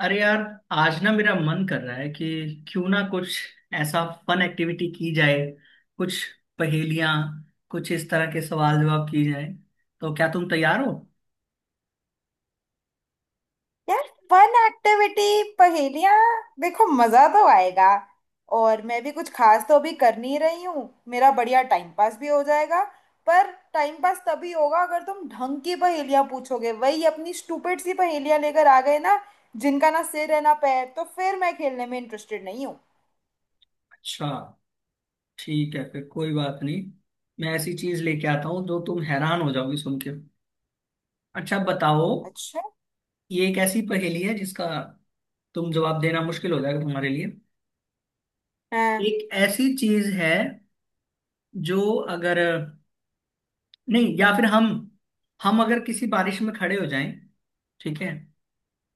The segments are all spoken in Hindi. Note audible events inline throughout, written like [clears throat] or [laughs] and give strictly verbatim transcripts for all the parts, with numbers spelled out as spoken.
अरे यार, आज ना मेरा मन कर रहा है कि क्यों ना कुछ ऐसा फन एक्टिविटी की जाए। कुछ पहेलियां, कुछ इस तरह के सवाल जवाब की जाए। तो क्या तुम तैयार हो? यार फन एक्टिविटी। पहेलियां। देखो मजा तो आएगा। और मैं भी कुछ खास तो अभी कर नहीं रही हूँ, मेरा बढ़िया टाइम पास भी हो जाएगा। पर टाइम पास तभी होगा अगर तुम ढंग की पहेलियां पूछोगे। वही अपनी स्टूपिड सी पहेलियां लेकर आ गए ना, जिनका ना सिर है ना पैर, तो फिर मैं खेलने में इंटरेस्टेड नहीं हूँ। अच्छा, ठीक है फिर, कोई बात नहीं। मैं ऐसी चीज लेके आता हूँ जो तुम हैरान हो जाओगी सुन के। अच्छा बताओ, अच्छा। ये एक ऐसी पहेली है जिसका तुम जवाब देना मुश्किल हो जाएगा तुम्हारे लिए। हाँ एक ऐसी चीज है जो अगर नहीं, या फिर हम हम अगर किसी बारिश में खड़े हो जाएं, ठीक है,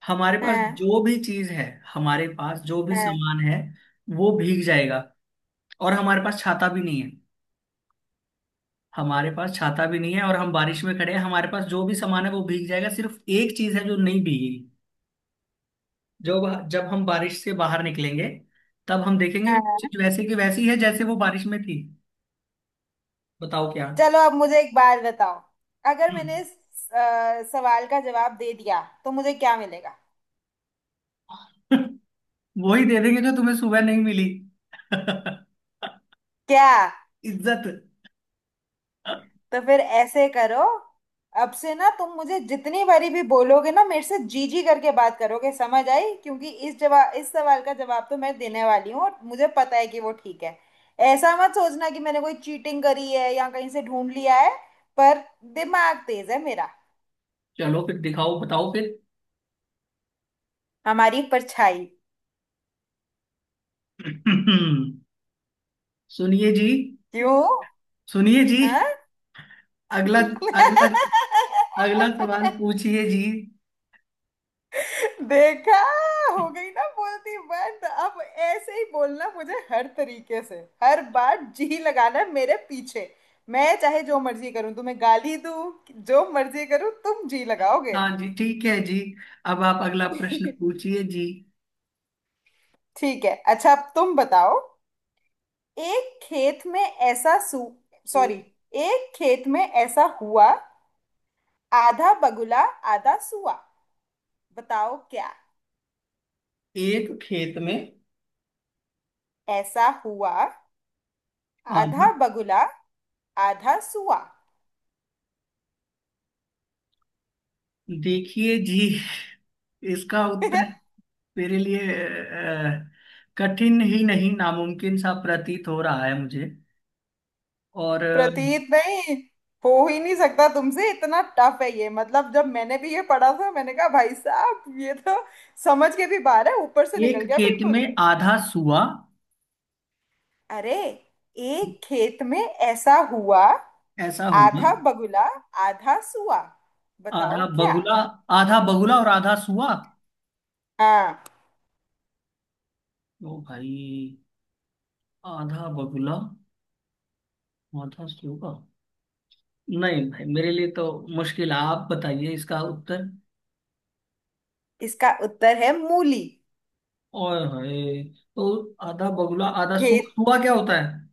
हमारे पास हाँ जो भी चीज है, हमारे पास जो भी हाँ सामान है वो भीग जाएगा। और हमारे पास छाता भी नहीं है। हमारे पास छाता भी नहीं है और हम बारिश में खड़े हैं, हमारे पास जो भी सामान है वो भीग जाएगा, सिर्फ एक चीज है जो नहीं भीगेगी। जो, जब हम बारिश से बाहर निकलेंगे तब हम देखेंगे कि वो हाँ। चीज वैसे की वैसी है जैसे वो बारिश में थी। बताओ क्या। चलो अब मुझे एक बात बताओ, अगर हम्म। मैंने इस अ, सवाल का जवाब दे दिया तो मुझे क्या मिलेगा। [laughs] वही दे देंगे जो तुम्हें सुबह नहीं मिली। [laughs] क्या। इज्जत। तो फिर ऐसे करो, अब से ना तुम मुझे जितनी बारी भी बोलोगे ना मेरे से जी जी करके बात करोगे, समझ आई। क्योंकि इस जवाब इस सवाल का जवाब तो मैं देने वाली हूँ और मुझे पता है कि वो ठीक है। ऐसा मत सोचना कि मैंने कोई चीटिंग करी है या कहीं से ढूंढ लिया है। पर दिमाग तेज है मेरा। चलो फिर, दिखाओ बताओ। हमारी परछाई। फिर [clears throat] सुनिए जी, क्यों। सुनिए जी, हाँ। अगला अगला अगला सवाल [laughs] पूछिए जी। देखा। हो गई ना बोलती बंद। अब ऐसे ही बोलना मुझे हर तरीके से। हर बार जी लगाना है मेरे पीछे। मैं चाहे जो मर्जी करूं तुम्हें गाली दूं, जो मर्जी करूं तुम जी लगाओगे। हाँ जी, ठीक है जी, अब आप अगला प्रश्न [laughs] पूछिए जी। ठीक है। अच्छा अब तुम बताओ। एक खेत में ऐसा सू। सॉरी। एक खेत में ऐसा हुआ, आधा बगुला आधा सुआ, बताओ क्या। एक खेत में ऐसा हुआ। आधा, आधा बगुला आधा सुआ। देखिए जी, इसका उत्तर [laughs] मेरे लिए अ, कठिन ही नहीं, नामुमकिन सा प्रतीत हो रहा है मुझे। और अ, प्रतीत नहीं, हो ही नहीं सकता तुमसे। इतना टफ है ये, मतलब जब मैंने भी ये पढ़ा था मैंने कहा भाई साहब ये तो समझ के भी बाहर है, ऊपर से निकल एक गया खेत बिल्कुल। में आधा सुआ, अरे, एक खेत में ऐसा हुआ, ऐसा होगा। आधा बगुला आधा सुआ, बताओ आधा क्या। बगुला, आधा बगुला और आधा सुआ। हाँ। ओ भाई, आधा बगुला, आधा सूगा। नहीं भाई, मेरे लिए तो मुश्किल है। आप बताइए इसका उत्तर। इसका उत्तर है मूली। और है तो आधा बगुला आधा सूगा, खेत। सूगा क्या होता है?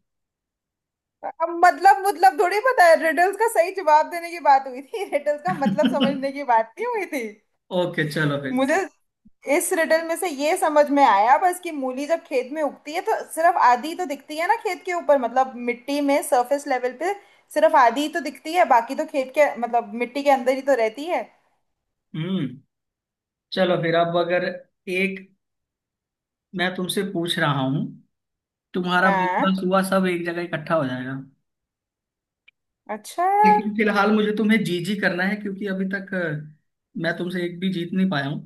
अब मतलब मतलब थोड़ी पता है, रिडल्स का सही जवाब देने की बात हुई थी, [laughs] रिडल्स का मतलब समझने [laughs] की बात नहीं हुई थी। ओके, चलो फिर मुझे ठीक। इस रिडल में से ये समझ में आया बस कि मूली जब खेत में उगती है तो सिर्फ आधी तो दिखती है ना खेत के ऊपर, मतलब मिट्टी में सरफेस लेवल पे सिर्फ आधी ही तो दिखती है, बाकी तो खेत के मतलब मिट्टी के अंदर ही तो रहती है। हम्म। चलो फिर, अब अगर एक, मैं तुमसे पूछ रहा हूँ तुम्हारा बगुला हाँ। सूगा सब एक जगह इकट्ठा हो जाएगा। अच्छा यार। लेकिन फिलहाल मुझे तुम्हें जी जी करना है क्योंकि अभी तक अ, मैं तुमसे एक भी जीत नहीं पाया हूँ।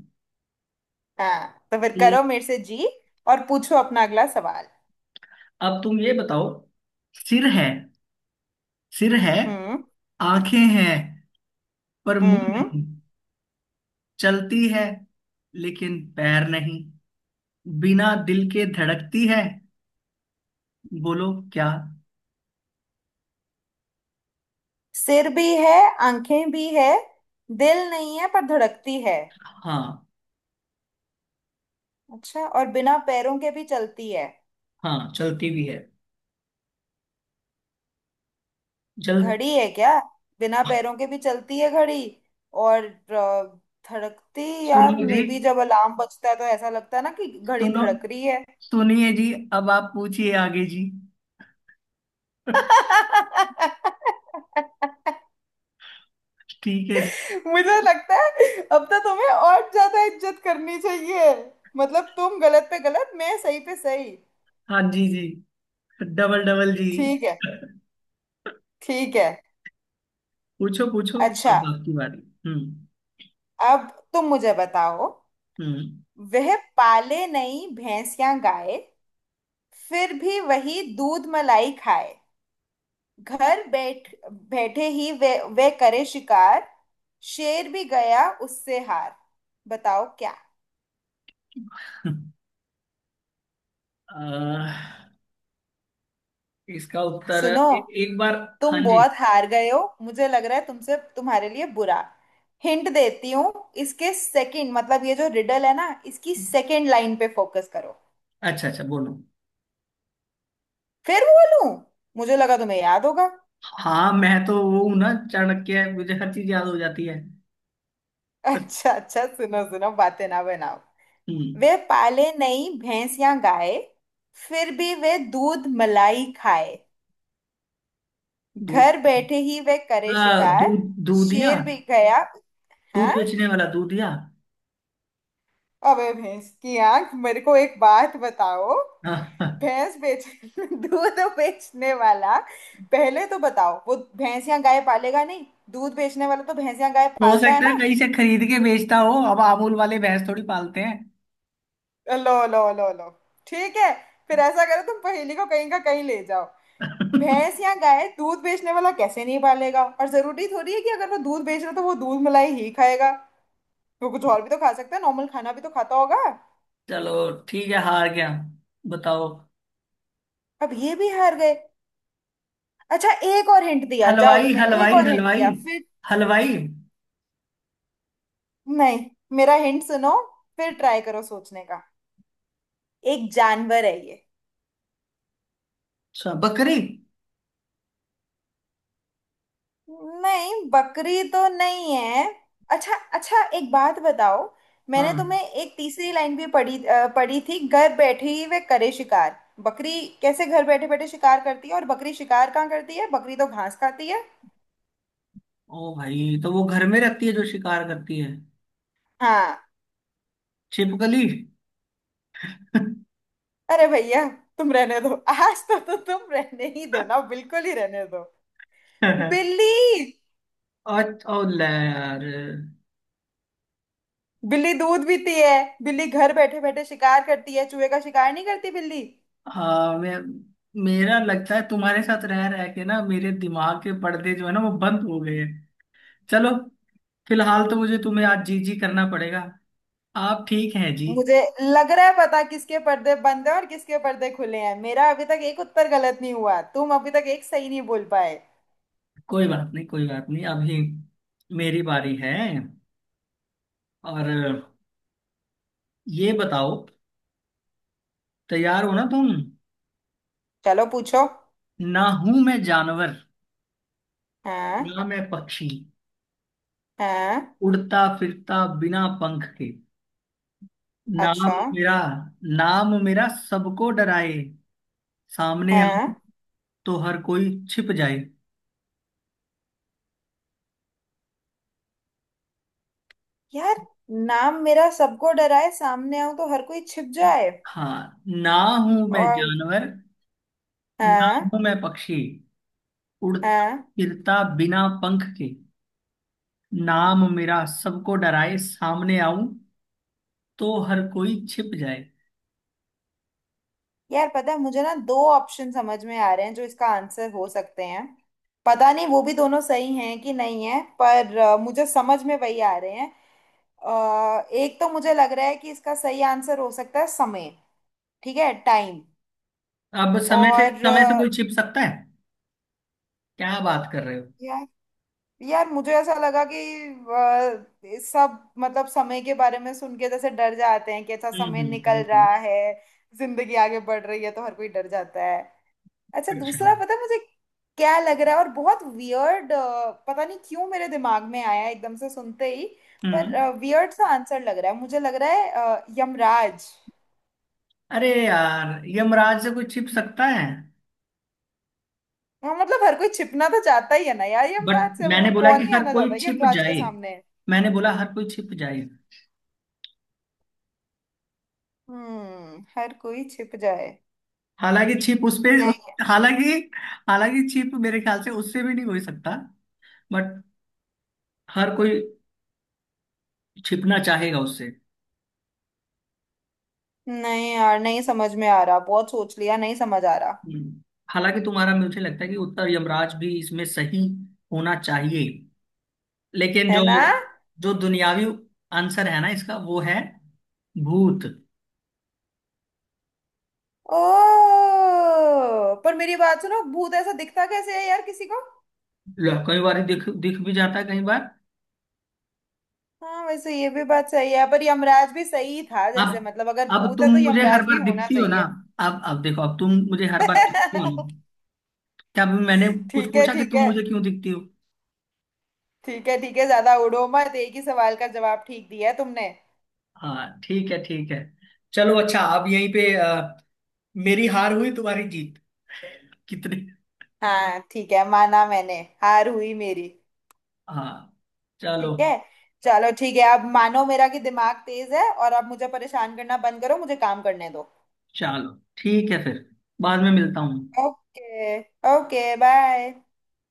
हाँ तो फिर करो तो मेरे से जी, और पूछो अपना अगला सवाल। अब तुम ये बताओ, सिर है सिर है हम्म। आंखें हैं पर मुंह हम्म। नहीं, चलती है लेकिन पैर नहीं, बिना दिल के धड़कती है। बोलो क्या। सिर भी है, आंखें भी है, दिल नहीं है पर धड़कती है। हाँ, अच्छा और बिना पैरों के भी चलती है। हाँ चलती भी है, जल, घड़ी है क्या। बिना पैरों के भी चलती है घड़ी, और अ, धड़कती। यार सुनिए जी, मे बी जब अलार्म बजता है तो ऐसा लगता है ना कि घड़ी सुनो, धड़क रही है। सुनिए जी, अब आप पूछिए आगे जी। [laughs] [laughs] ठीक है जी। मुझे लगता है अब तो तुम्हें और ज्यादा इज्जत करनी चाहिए। मतलब तुम गलत पे गलत मैं सही पे सही। हाँ जी जी, डबल डबल जी। ठीक है। ठीक है। पूछो पूछो, अच्छा अब आपकी बारी। हम्म। अब तुम मुझे बताओ। हम्म। वह पाले नहीं भैंस या गाय, फिर भी वही दूध मलाई खाए। घर बैठ बैठे ही वे वे करे शिकार, शेर भी गया उससे हार। बताओ क्या। [laughs] अह, इसका उत्तर, सुनो, ए, एक बार, हाँ तुम जी, बहुत हार गए हो मुझे लग रहा है, तुमसे तुम्हारे लिए बुरा। हिंट देती हूँ। इसके सेकंड, मतलब ये जो रिडल है ना इसकी सेकंड लाइन पे फोकस करो। अच्छा अच्छा बोलो। फिर बोलूं। मुझे लगा तुम्हें याद होगा। हाँ मैं तो वो हूँ ना, चाणक्य, मुझे हर चीज याद हो जाती है। अच्छा अच्छा सुनो सुनो बातें ना बनाओ। हम्म, वे पाले नहीं भैंस या गाय, फिर भी वे दूध मलाई खाए। दूध, घर बैठे ही वह करे आ, शिकार, दूध, दूधिया, शेर भी गया। दूध हाँ। बेचने वाला दूधिया। अबे भैंस की आंख, मेरे को एक बात बताओ। हाँ, हाँ। भैंस बेच, [laughs] दूध बेचने वाला। पहले तो बताओ वो, भैंस या गाय पालेगा नहीं। दूध बेचने वाला तो भैंस या गाय हो पालता है सकता है ना। कहीं से खरीद के बेचता हो, अब अमूल वाले भैंस थोड़ी पालते हैं। लो लो लो लो। ठीक है। फिर ऐसा करो तुम पहेली को कहीं का कहीं ले जाओ। भैंस [laughs] या गाय दूध बेचने वाला कैसे नहीं पालेगा, और जरूरी थोड़ी है कि अगर वो दूध बेच रहा है तो वो दूध मलाई ही खाएगा। वो कुछ और भी तो खा सकता है, नॉर्मल खाना भी तो खाता होगा। चलो ठीक है, हार गया, बताओ। अब ये भी हार गए। अच्छा एक और हिंट दिया जाओ, हलवाई तुम्हें एक हलवाई और हिंट हलवाई दिया फिर। हलवाई। नहीं, मेरा हिंट सुनो, फिर ट्राई करो सोचने का। एक जानवर है ये। अच्छा बकरी। नहीं, बकरी तो नहीं है। अच्छा अच्छा एक बात बताओ, मैंने हाँ, तुम्हें एक तीसरी लाइन भी पढ़ी अ, पढ़ी थी, घर बैठे ही वे करे शिकार। बकरी कैसे घर बैठे बैठे शिकार करती है, और बकरी शिकार कहाँ करती है, बकरी तो घास खाती है। ओ भाई तो वो घर में रहती है जो शिकार करती है। हाँ। छिपकली। [laughs] अरे भैया तुम रहने दो आज तो, तो तुम रहने ही दो ना, बिल्कुल ही रहने दो। बिल्ली। और और ले यार। बिल्ली दूध पीती है, बिल्ली घर बैठे बैठे शिकार करती है, चूहे का शिकार नहीं करती बिल्ली। हाँ मैं, मेरा लगता है तुम्हारे साथ रह रह के ना मेरे दिमाग के पर्दे जो है ना वो बंद हो गए हैं। चलो, फिलहाल तो मुझे तुम्हें आज जी जी करना पड़ेगा। आप ठीक हैं जी? मुझे लग रहा है पता किसके पर्दे बंद है और किसके पर्दे खुले हैं। मेरा अभी तक एक उत्तर गलत नहीं हुआ, तुम अभी तक एक सही नहीं बोल पाए। कोई बात नहीं, कोई बात नहीं, अभी मेरी बारी है। और ये बताओ, तैयार हो ना तुम? चलो पूछो। ना हूं मैं जानवर, हाँ। ना मैं पक्षी, हाँ। उड़ता फिरता बिना पंख के, नाम अच्छा। मेरा, नाम मेरा सबको डराए, सामने आ हाँ। तो हर कोई छिप जाए। यार, नाम मेरा सबको डराए, सामने आऊं तो हर कोई छिप जाए। हाँ, ना हूं मैं और। जानवर, ना हाँ। हूं मैं पक्षी, उड़ता हाँ। फिरता बिना पंख के, नाम मेरा सबको डराए, सामने आऊं तो हर कोई छिप जाए। यार पता है मुझे ना दो ऑप्शन समझ में आ रहे हैं जो इसका आंसर हो सकते हैं। पता नहीं वो भी दोनों सही हैं कि नहीं है, पर अ, मुझे समझ में वही आ रहे हैं। अ, एक तो मुझे लग रहा है कि इसका सही आंसर हो सकता है समय। ठीक है, टाइम। अब समय से, और समय से अ, कोई छिप सकता है क्या? बात कर रहे हो। यार। यार मुझे ऐसा लगा कि अ, सब मतलब समय के बारे में सुन के जैसे डर जाते हैं कि अच्छा हम्म समय हम्म हम्म निकल हम्म, रहा है, जिंदगी आगे बढ़ रही है, तो हर कोई डर जाता है। अच्छा अच्छा, दूसरा पता है मुझे क्या लग रहा है, और बहुत वियर्ड। पता नहीं क्यों मेरे दिमाग में आया एकदम से सुनते ही, पर हम्म, वियर्ड सा आंसर लग रहा है मुझे, लग रहा है अ, यमराज। अरे यार यमराज से कोई छिप सकता है? हाँ मतलब हर कोई छिपना तो चाहता ही है ना यार बट यमराज से, मैंने मतलब बोला कि कौन ही हर आना कोई चाहता है छिप यमराज के जाए। सामने। मैंने बोला हर कोई छिप जाए। हम्म, हर कोई छिप जाए। हालांकि छिप उस पे उस, नहीं। हालांकि, हालांकि छिप मेरे ख्याल से उससे भी नहीं हो ही सकता, बट हर कोई छिपना चाहेगा उससे। नहीं यार नहीं समझ में आ रहा, बहुत सोच लिया, नहीं समझ आ रहा। हम्म। हालांकि तुम्हारा मुझे लगता है कि उत्तर यमराज भी इसमें सही होना चाहिए, लेकिन है जो, ना। जो दुनियावी आंसर है ना इसका वो है भूत। ओ, पर मेरी बात सुनो, भूत ऐसा दिखता कैसे है यार किसी को। लो, कई बार दिख दिख भी जाता है कई बार। हाँ वैसे ये भी बात सही है, पर यमराज भी सही था अब जैसे, मतलब अगर अब भूत है तुम तो मुझे हर यमराज भी बार होना दिखती हो ना। चाहिए। अब अब देखो, अब तुम मुझे हर बार दिखती हो ना। [laughs] क्या अभी मैंने कुछ ठीक है पूछा कि ठीक तुम है। मुझे क्यों दिखती हो? ठीक है ठीक है ज्यादा उड़ो मत, एक ही सवाल का जवाब ठीक दिया है तुमने। हाँ ठीक है, ठीक है, चलो अच्छा, अब यहीं पे अ, मेरी हार हुई, तुम्हारी जीत। [laughs] कितने, हाँ ठीक है, माना मैंने हार हुई मेरी। हाँ, चलो, ठीक है। चलो ठीक है, अब मानो मेरा कि दिमाग तेज है, और अब मुझे परेशान करना बंद करो, मुझे काम करने दो। चलो ठीक है फिर, बाद में मिलता हूँ। ओके। Okay bye.